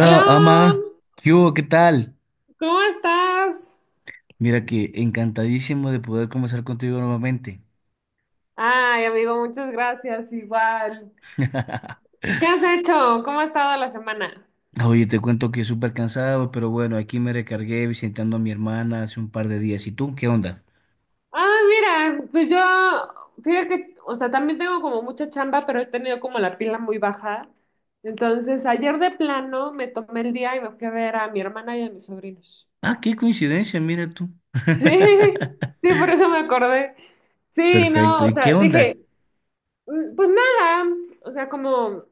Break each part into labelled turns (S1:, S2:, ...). S1: Hola,
S2: Ama. ¿Qué hubo? ¿Qué tal?
S1: ¿cómo estás?
S2: Mira que encantadísimo de poder conversar contigo nuevamente.
S1: Ay, amigo, muchas gracias, igual. ¿Qué has hecho? ¿Cómo ha estado la semana?
S2: Oye, te cuento que súper cansado, pero bueno, aquí me recargué visitando a mi hermana hace un par de días. ¿Y tú? ¿Qué onda?
S1: Ah, mira, pues yo, fíjate que, o sea, también tengo como mucha chamba, pero he tenido como la pila muy baja. Entonces, ayer de plano me tomé el día y me fui a ver a mi hermana y a mis sobrinos.
S2: Ah, qué coincidencia, mira tú.
S1: Sí, sí, por eso me acordé. Sí,
S2: Perfecto.
S1: no, o
S2: ¿Y qué
S1: sea,
S2: onda?
S1: dije, "Mm, pues nada, o sea, como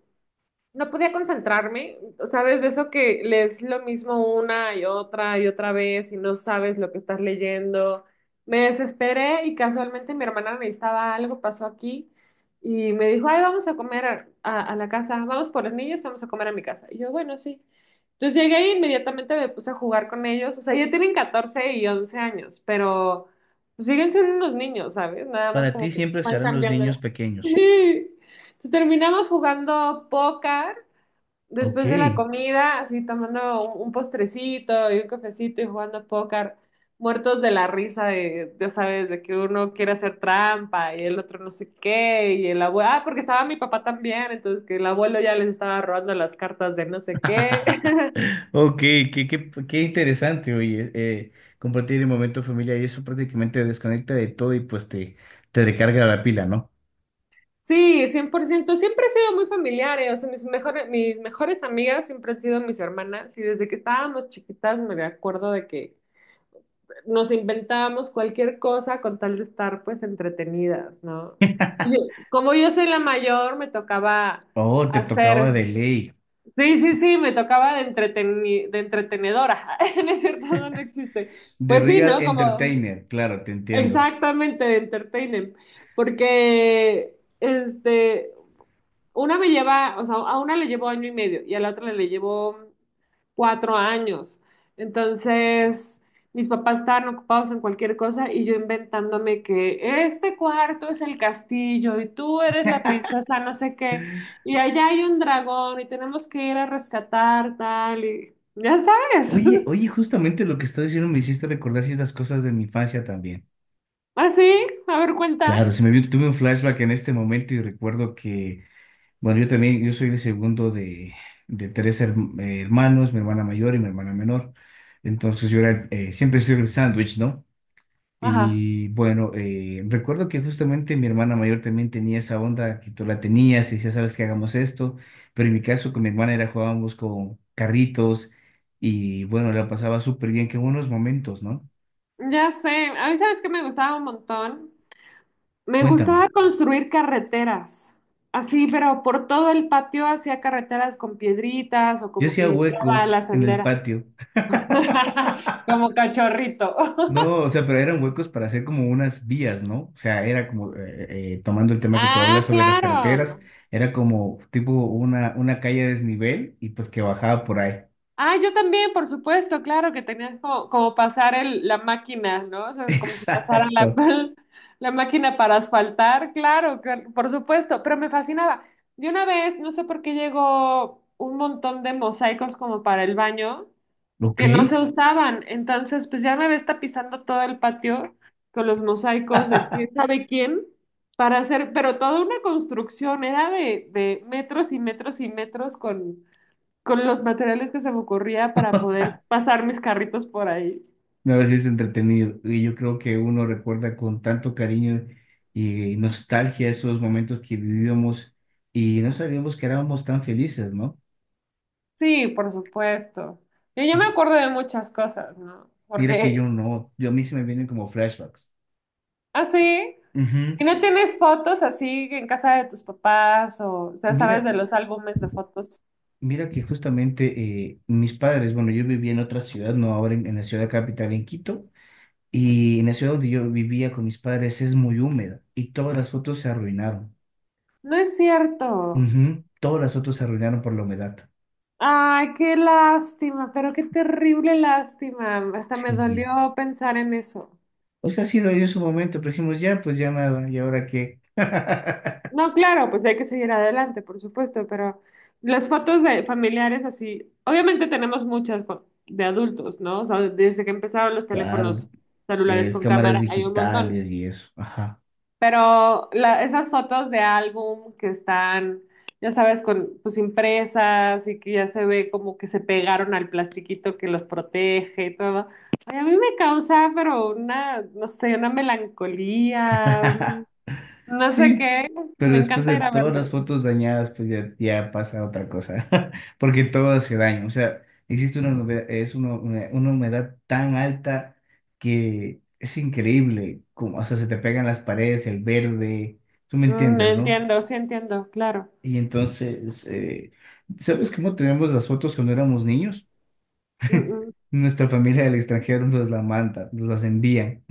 S1: no podía concentrarme, ¿sabes?" De eso que lees lo mismo una y otra vez y no sabes lo que estás leyendo. Me desesperé y casualmente mi hermana necesitaba algo, pasó aquí y me dijo, ay, vamos a comer a, a la casa, vamos por los niños, vamos a comer a mi casa. Y yo, bueno, sí. Entonces llegué e inmediatamente me puse a jugar con ellos. O sea, ya tienen 14 y 11 años, pero pues, siguen siendo unos niños, ¿sabes? Nada más
S2: Para ti
S1: como que
S2: siempre
S1: van
S2: serán los
S1: cambiando.
S2: niños
S1: Sí.
S2: pequeños.
S1: Entonces terminamos jugando póker
S2: Ok.
S1: Después de la comida, así tomando un postrecito y un cafecito y jugando póker, muertos de la risa de, ya sabes, de que uno quiere hacer trampa y el otro no sé qué, y el abuelo, ah, porque estaba mi papá también, entonces que el abuelo ya les estaba robando las cartas de no sé qué.
S2: Ok, qué interesante, oye. Compartir el momento familiar y eso prácticamente te desconecta de todo y te recarga la pila, ¿no?
S1: Sí, 100% siempre he sido muy familiar, o sea, mis mejores amigas siempre han sido mis hermanas y desde que estábamos chiquitas me acuerdo de que nos inventábamos cualquier cosa con tal de estar pues entretenidas, ¿no? Y como yo soy la mayor, me tocaba
S2: Oh, te tocaba de
S1: hacer,
S2: ley.
S1: sí, sí, sí, me tocaba de entretenedora, no es cierto, no no existe.
S2: The
S1: Pues sí,
S2: Real
S1: ¿no? Como
S2: Entertainer, claro, te entiendo.
S1: exactamente de entertainer, porque este, una me lleva, o sea, a una le llevo año y medio y a la otra le llevo 4 años. Entonces, mis papás estaban ocupados en cualquier cosa y yo inventándome que este cuarto es el castillo y tú eres la princesa, no sé qué, y allá hay un dragón y tenemos que ir a rescatar tal y ya sabes.
S2: Oye, oye, justamente lo que estás diciendo me hiciste recordar ciertas cosas de mi infancia también.
S1: Así, a ver, cuenta.
S2: Claro, se me vino, tuve un flashback en este momento y recuerdo que, bueno, yo también, yo soy el segundo de hermanos, mi hermana mayor y mi hermana menor. Entonces yo era, siempre soy el sándwich, ¿no?
S1: Ajá.
S2: Y bueno, recuerdo que justamente mi hermana mayor también tenía esa onda que tú la tenías y decía, sabes que hagamos esto, pero en mi caso con mi hermana era jugábamos con carritos y bueno, la pasaba súper bien, qué buenos momentos, ¿no?
S1: Ya sé, a mí sabes que me gustaba un montón. Me
S2: Cuéntame,
S1: gustaba construir carreteras, así, pero por todo el patio hacía carreteras con piedritas o
S2: yo
S1: como que
S2: hacía
S1: limpiaba
S2: huecos
S1: la
S2: en el
S1: sendera,
S2: patio.
S1: como cachorrito.
S2: No, o sea, pero eran huecos para hacer como unas vías, ¿no? O sea, era como, tomando el tema que tú hablas
S1: Ah,
S2: sobre las carreteras,
S1: claro.
S2: era como tipo una calle a desnivel y pues que bajaba por ahí.
S1: Ah, yo también, por supuesto, claro que tenías como pasar el, la máquina, ¿no? O sea, como si pasara la,
S2: Exacto.
S1: la máquina para asfaltar, claro, por supuesto, pero me fascinaba. De una vez, no sé por qué llegó un montón de mosaicos como para el baño.
S2: Ok.
S1: que no se usaban. Entonces, pues ya me ves tapizando todo el patio con los mosaicos de quién sabe quién para hacer, pero toda una construcción, era de, metros y metros y metros con los materiales que se me ocurría para poder pasar mis carritos por ahí.
S2: No, a veces es entretenido. Y yo creo que uno recuerda con tanto cariño y nostalgia esos momentos que vivíamos y no sabíamos que éramos tan felices, ¿no?
S1: Sí, por supuesto. Yo me
S2: Yo-
S1: acuerdo de muchas cosas, ¿no?
S2: Mira que
S1: Porque
S2: yo no, yo a mí se me vienen como flashbacks.
S1: así, ¿y
S2: Ujú.
S1: no tienes fotos así en casa de tus papás o sea, sabes
S2: Mira,
S1: de los álbumes de fotos?
S2: mira que justamente mis padres, bueno, yo vivía en otra ciudad, no ahora en la ciudad capital, en Quito, y en la ciudad donde yo vivía con mis padres es muy húmeda y todas las fotos se arruinaron.
S1: No es cierto.
S2: Ujú. Todas las fotos se arruinaron por la humedad.
S1: Ay, qué lástima, pero qué terrible lástima. Hasta me
S2: Sí,
S1: dolió pensar en eso.
S2: o sea, sí dolió en su momento, pero dijimos, ya, pues ya nada, ¿y ahora qué?
S1: No, claro, pues hay que seguir adelante, por supuesto, pero las fotos de familiares así, obviamente tenemos muchas de adultos, ¿no? O sea, desde que empezaron los
S2: Claro,
S1: teléfonos
S2: de
S1: celulares
S2: las
S1: con
S2: cámaras
S1: cámara hay un montón.
S2: digitales y eso. Ajá.
S1: Pero esas fotos de álbum que están, ya sabes, con pues impresas y que ya se ve como que se pegaron al plastiquito que los protege y todo. Ay, a mí me causa, pero una, no sé, una melancolía, no sé
S2: Sí,
S1: qué.
S2: pero
S1: Me
S2: después
S1: encanta
S2: de
S1: ir a
S2: todas las
S1: verlos.
S2: fotos dañadas, pues ya, ya pasa otra cosa. Porque todo hace daño. O sea, existe una humedad, es una humedad tan alta que es increíble, como, o sea, se te pegan las paredes, el verde, tú me entiendes, ¿no?
S1: Entiendo, sí entiendo, claro.
S2: Y entonces, ¿sabes cómo tenemos las fotos cuando éramos niños?
S1: Mm, mm.
S2: Nuestra familia del extranjero nos las manda, nos las envían.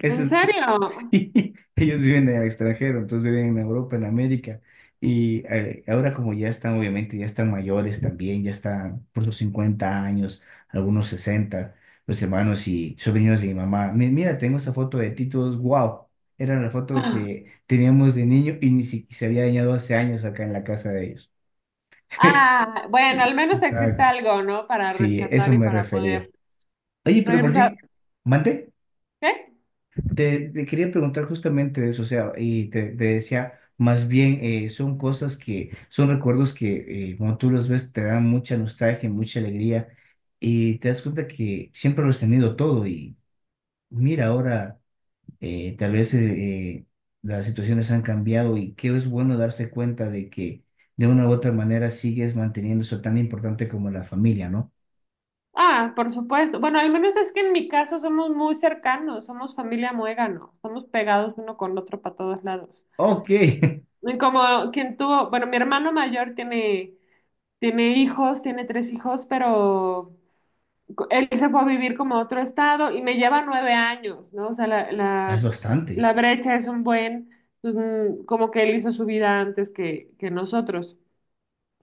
S2: Ese
S1: ¿En
S2: es-
S1: serio?
S2: Ellos viven en el extranjero, entonces viven en Europa, en América. Y ahora como ya están, obviamente, ya están mayores también, ya están por sus 50 años, algunos 60 los hermanos y sobrinos de mi mamá. Mi- Mira, tengo esa foto de Titos, wow. Era la foto que teníamos de niño y ni siquiera se había dañado hace años acá en la casa de ellos.
S1: Ah, bueno, al menos existe
S2: Exacto.
S1: algo, ¿no? Para
S2: Sí, eso
S1: rescatar y
S2: me
S1: para
S2: refería.
S1: poder
S2: Oye, pero por
S1: regresar.
S2: qué, mande,
S1: ¿Qué?
S2: te quería preguntar justamente de eso, o sea, te decía, más bien son cosas que, son recuerdos que cuando tú los ves te dan mucha nostalgia, mucha alegría, y te das cuenta que siempre lo has tenido todo, y mira, ahora tal vez las situaciones han cambiado, y que es bueno darse cuenta de que de una u otra manera sigues manteniendo eso tan importante como la familia, ¿no?
S1: Ah, por supuesto. Bueno, al menos es que en mi caso somos muy cercanos, somos familia muégano, estamos pegados uno con otro para todos lados.
S2: Ok.
S1: Y como quien tuvo, bueno, mi hermano mayor tiene, hijos, tiene tres hijos, pero él se fue a vivir como a otro estado y me lleva 9 años, ¿no? O sea, la,
S2: Es
S1: la,
S2: bastante.
S1: la brecha es un buen, pues, como que él hizo su vida antes que nosotros.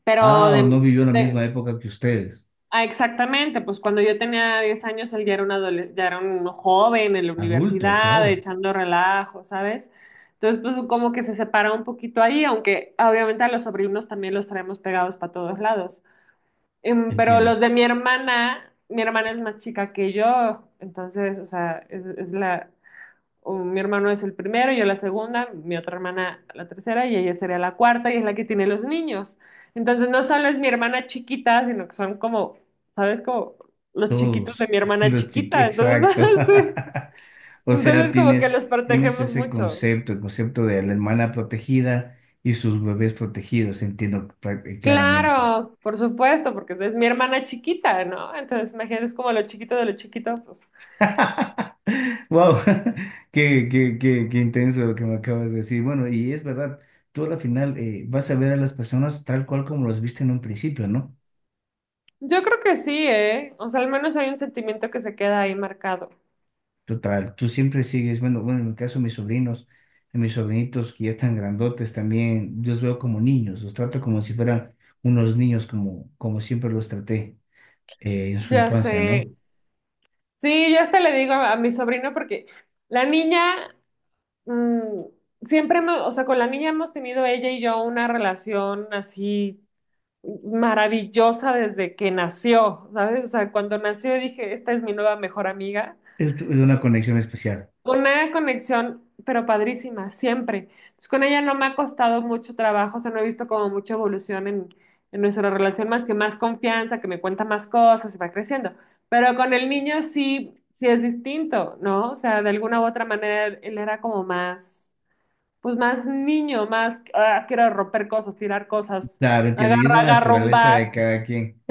S1: Pero
S2: Ah, o no vivió la misma
S1: de-
S2: época que ustedes.
S1: Ah, exactamente, pues cuando yo tenía 10 años él ya era ya era un joven en la
S2: Adulto,
S1: universidad,
S2: claro.
S1: echando relajo, ¿sabes? Entonces, pues como que se separa un poquito ahí, aunque obviamente a los sobrinos también los traemos pegados para todos lados. Pero
S2: Entiendo.
S1: los de mi hermana es más chica que yo, entonces, o sea, mi hermano es el primero, yo la segunda, mi otra hermana la tercera y ella sería la cuarta y es la que tiene los niños. Entonces no solo es mi hermana chiquita, sino que son como, ¿sabes? Como los chiquitos de
S2: Todos.
S1: mi hermana
S2: Los chiqui,
S1: chiquita. Entonces,
S2: exacto.
S1: sí.
S2: O sea,
S1: Entonces como que los
S2: tienes
S1: protegemos
S2: ese
S1: mucho.
S2: concepto, el concepto de la hermana protegida y sus bebés protegidos, entiendo claramente.
S1: Claro, por supuesto, porque es mi hermana chiquita, ¿no? Entonces, imagínate, es como lo chiquito de lo chiquito, pues.
S2: Wow, qué intenso lo que me acabas de decir. Bueno, y es verdad, tú a la final vas a ver a las personas tal cual como las viste en un principio, ¿no?
S1: Yo creo que sí, ¿eh? O sea, al menos hay un sentimiento que se queda ahí marcado.
S2: Total, tú siempre sigues, bueno, en mi caso mis sobrinos, a mis sobrinitos que ya están grandotes también, yo los veo como niños, los trato como si fueran unos niños, como siempre los traté en su
S1: Ya
S2: infancia,
S1: sé.
S2: ¿no?
S1: Sí, yo hasta le digo a, mi sobrino porque la niña, mm, siempre, o sea, con la niña hemos tenido ella y yo una relación así maravillosa desde que nació, ¿sabes? O sea, cuando nació dije, esta es mi nueva mejor amiga.
S2: Es, tu- es una conexión especial.
S1: Una conexión, pero padrísima, siempre. Entonces, con ella no me ha costado mucho trabajo, o sea, no he visto como mucha evolución en nuestra relación, más que más confianza, que me cuenta más cosas y va creciendo. Pero con el niño sí, sí es distinto, ¿no? O sea, de alguna u otra manera él era como más, pues más niño, más, ah, quiero romper cosas, tirar cosas,
S2: Claro, entiendo,
S1: agarra,
S2: y es la
S1: agarra un
S2: naturaleza de
S1: bat.
S2: cada quien.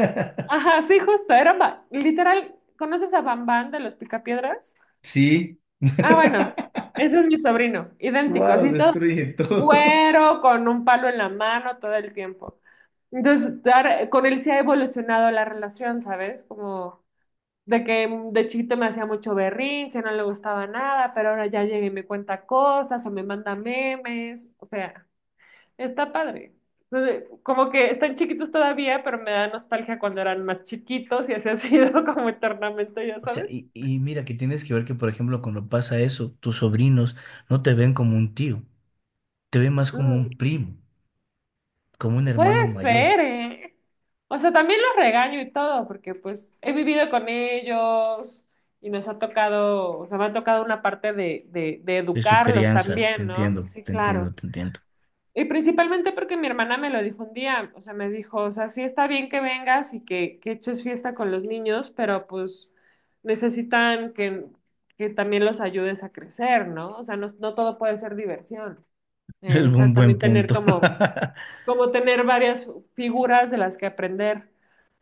S1: Ajá, sí, justo, era, literal, ¿conoces a Bambán de los Picapiedras?
S2: Sí.
S1: Ah, bueno, ese es mi sobrino, idéntico,
S2: Wow,
S1: así todo.
S2: destruye todo.
S1: Güero, con un palo en la mano todo el tiempo. Entonces, con él sí ha evolucionado la relación, ¿sabes? Como de que de chiquito me hacía mucho berrinche, no le gustaba nada, pero ahora ya llega y me cuenta cosas o me manda memes. O sea, está padre. Entonces, como que están chiquitos todavía, pero me da nostalgia cuando eran más chiquitos y así ha sido como eternamente, ya
S2: O sea,
S1: sabes.
S2: y mira que tienes que ver que, por ejemplo, cuando pasa eso, tus sobrinos no te ven como un tío, te ven más como un primo, como un hermano
S1: Puede
S2: mayor.
S1: ser, ¿eh? O sea, también los regaño y todo, porque pues he vivido con ellos y nos ha tocado, o sea, me ha tocado una parte de
S2: De su
S1: educarlos
S2: crianza. Te
S1: también, ¿no?
S2: entiendo,
S1: Sí,
S2: te
S1: claro.
S2: entiendo, te entiendo.
S1: Y principalmente porque mi hermana me lo dijo un día, o sea, me dijo, o sea, sí está bien que vengas y que, eches fiesta con los niños, pero pues necesitan que también los ayudes a crecer, ¿no? O sea, no, no todo puede ser diversión.
S2: Es
S1: Está
S2: un buen
S1: también tener
S2: punto.
S1: como tener varias figuras de las que aprender.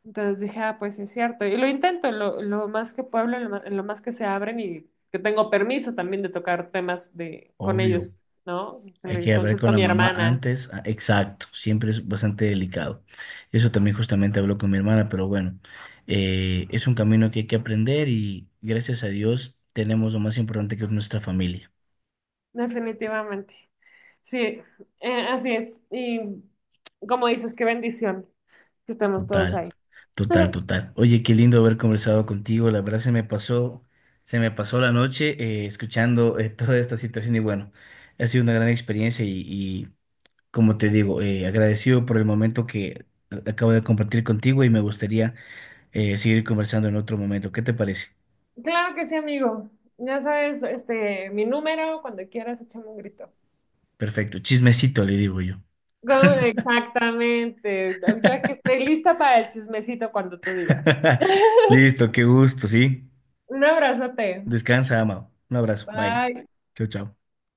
S1: Entonces dije, ah, pues sí es cierto. Y lo intento lo más que puedo, en lo más que se abren y que tengo permiso también de tocar temas de, con
S2: Obvio.
S1: ellos, ¿no?
S2: Hay
S1: Le
S2: que hablar con
S1: consulto a
S2: la
S1: mi
S2: mamá
S1: hermana.
S2: antes. Ah, exacto. Siempre es bastante delicado. Eso también justamente hablo con mi hermana, pero bueno, es un camino que hay que aprender y gracias a Dios tenemos lo más importante que es nuestra familia.
S1: Definitivamente. Sí, así es. Y como dices, qué bendición que estemos todos
S2: Total,
S1: ahí.
S2: total, total. Oye, qué lindo haber conversado contigo. La verdad se me pasó la noche escuchando toda esta situación y bueno, ha sido una gran experiencia y, como te digo, agradecido por el momento que acabo de compartir contigo y me gustaría seguir conversando en otro momento. ¿Qué te parece?
S1: Claro que sí, amigo. Ya sabes, este, mi número, cuando quieras, échame un grito.
S2: Perfecto, chismecito le digo yo.
S1: Exactamente. Yo aquí estoy lista para el chismecito cuando tú digas.
S2: Listo, qué gusto, ¿sí?
S1: Un abrazote.
S2: Descansa, Amado. Un abrazo, bye.
S1: Bye.
S2: Chao, chao.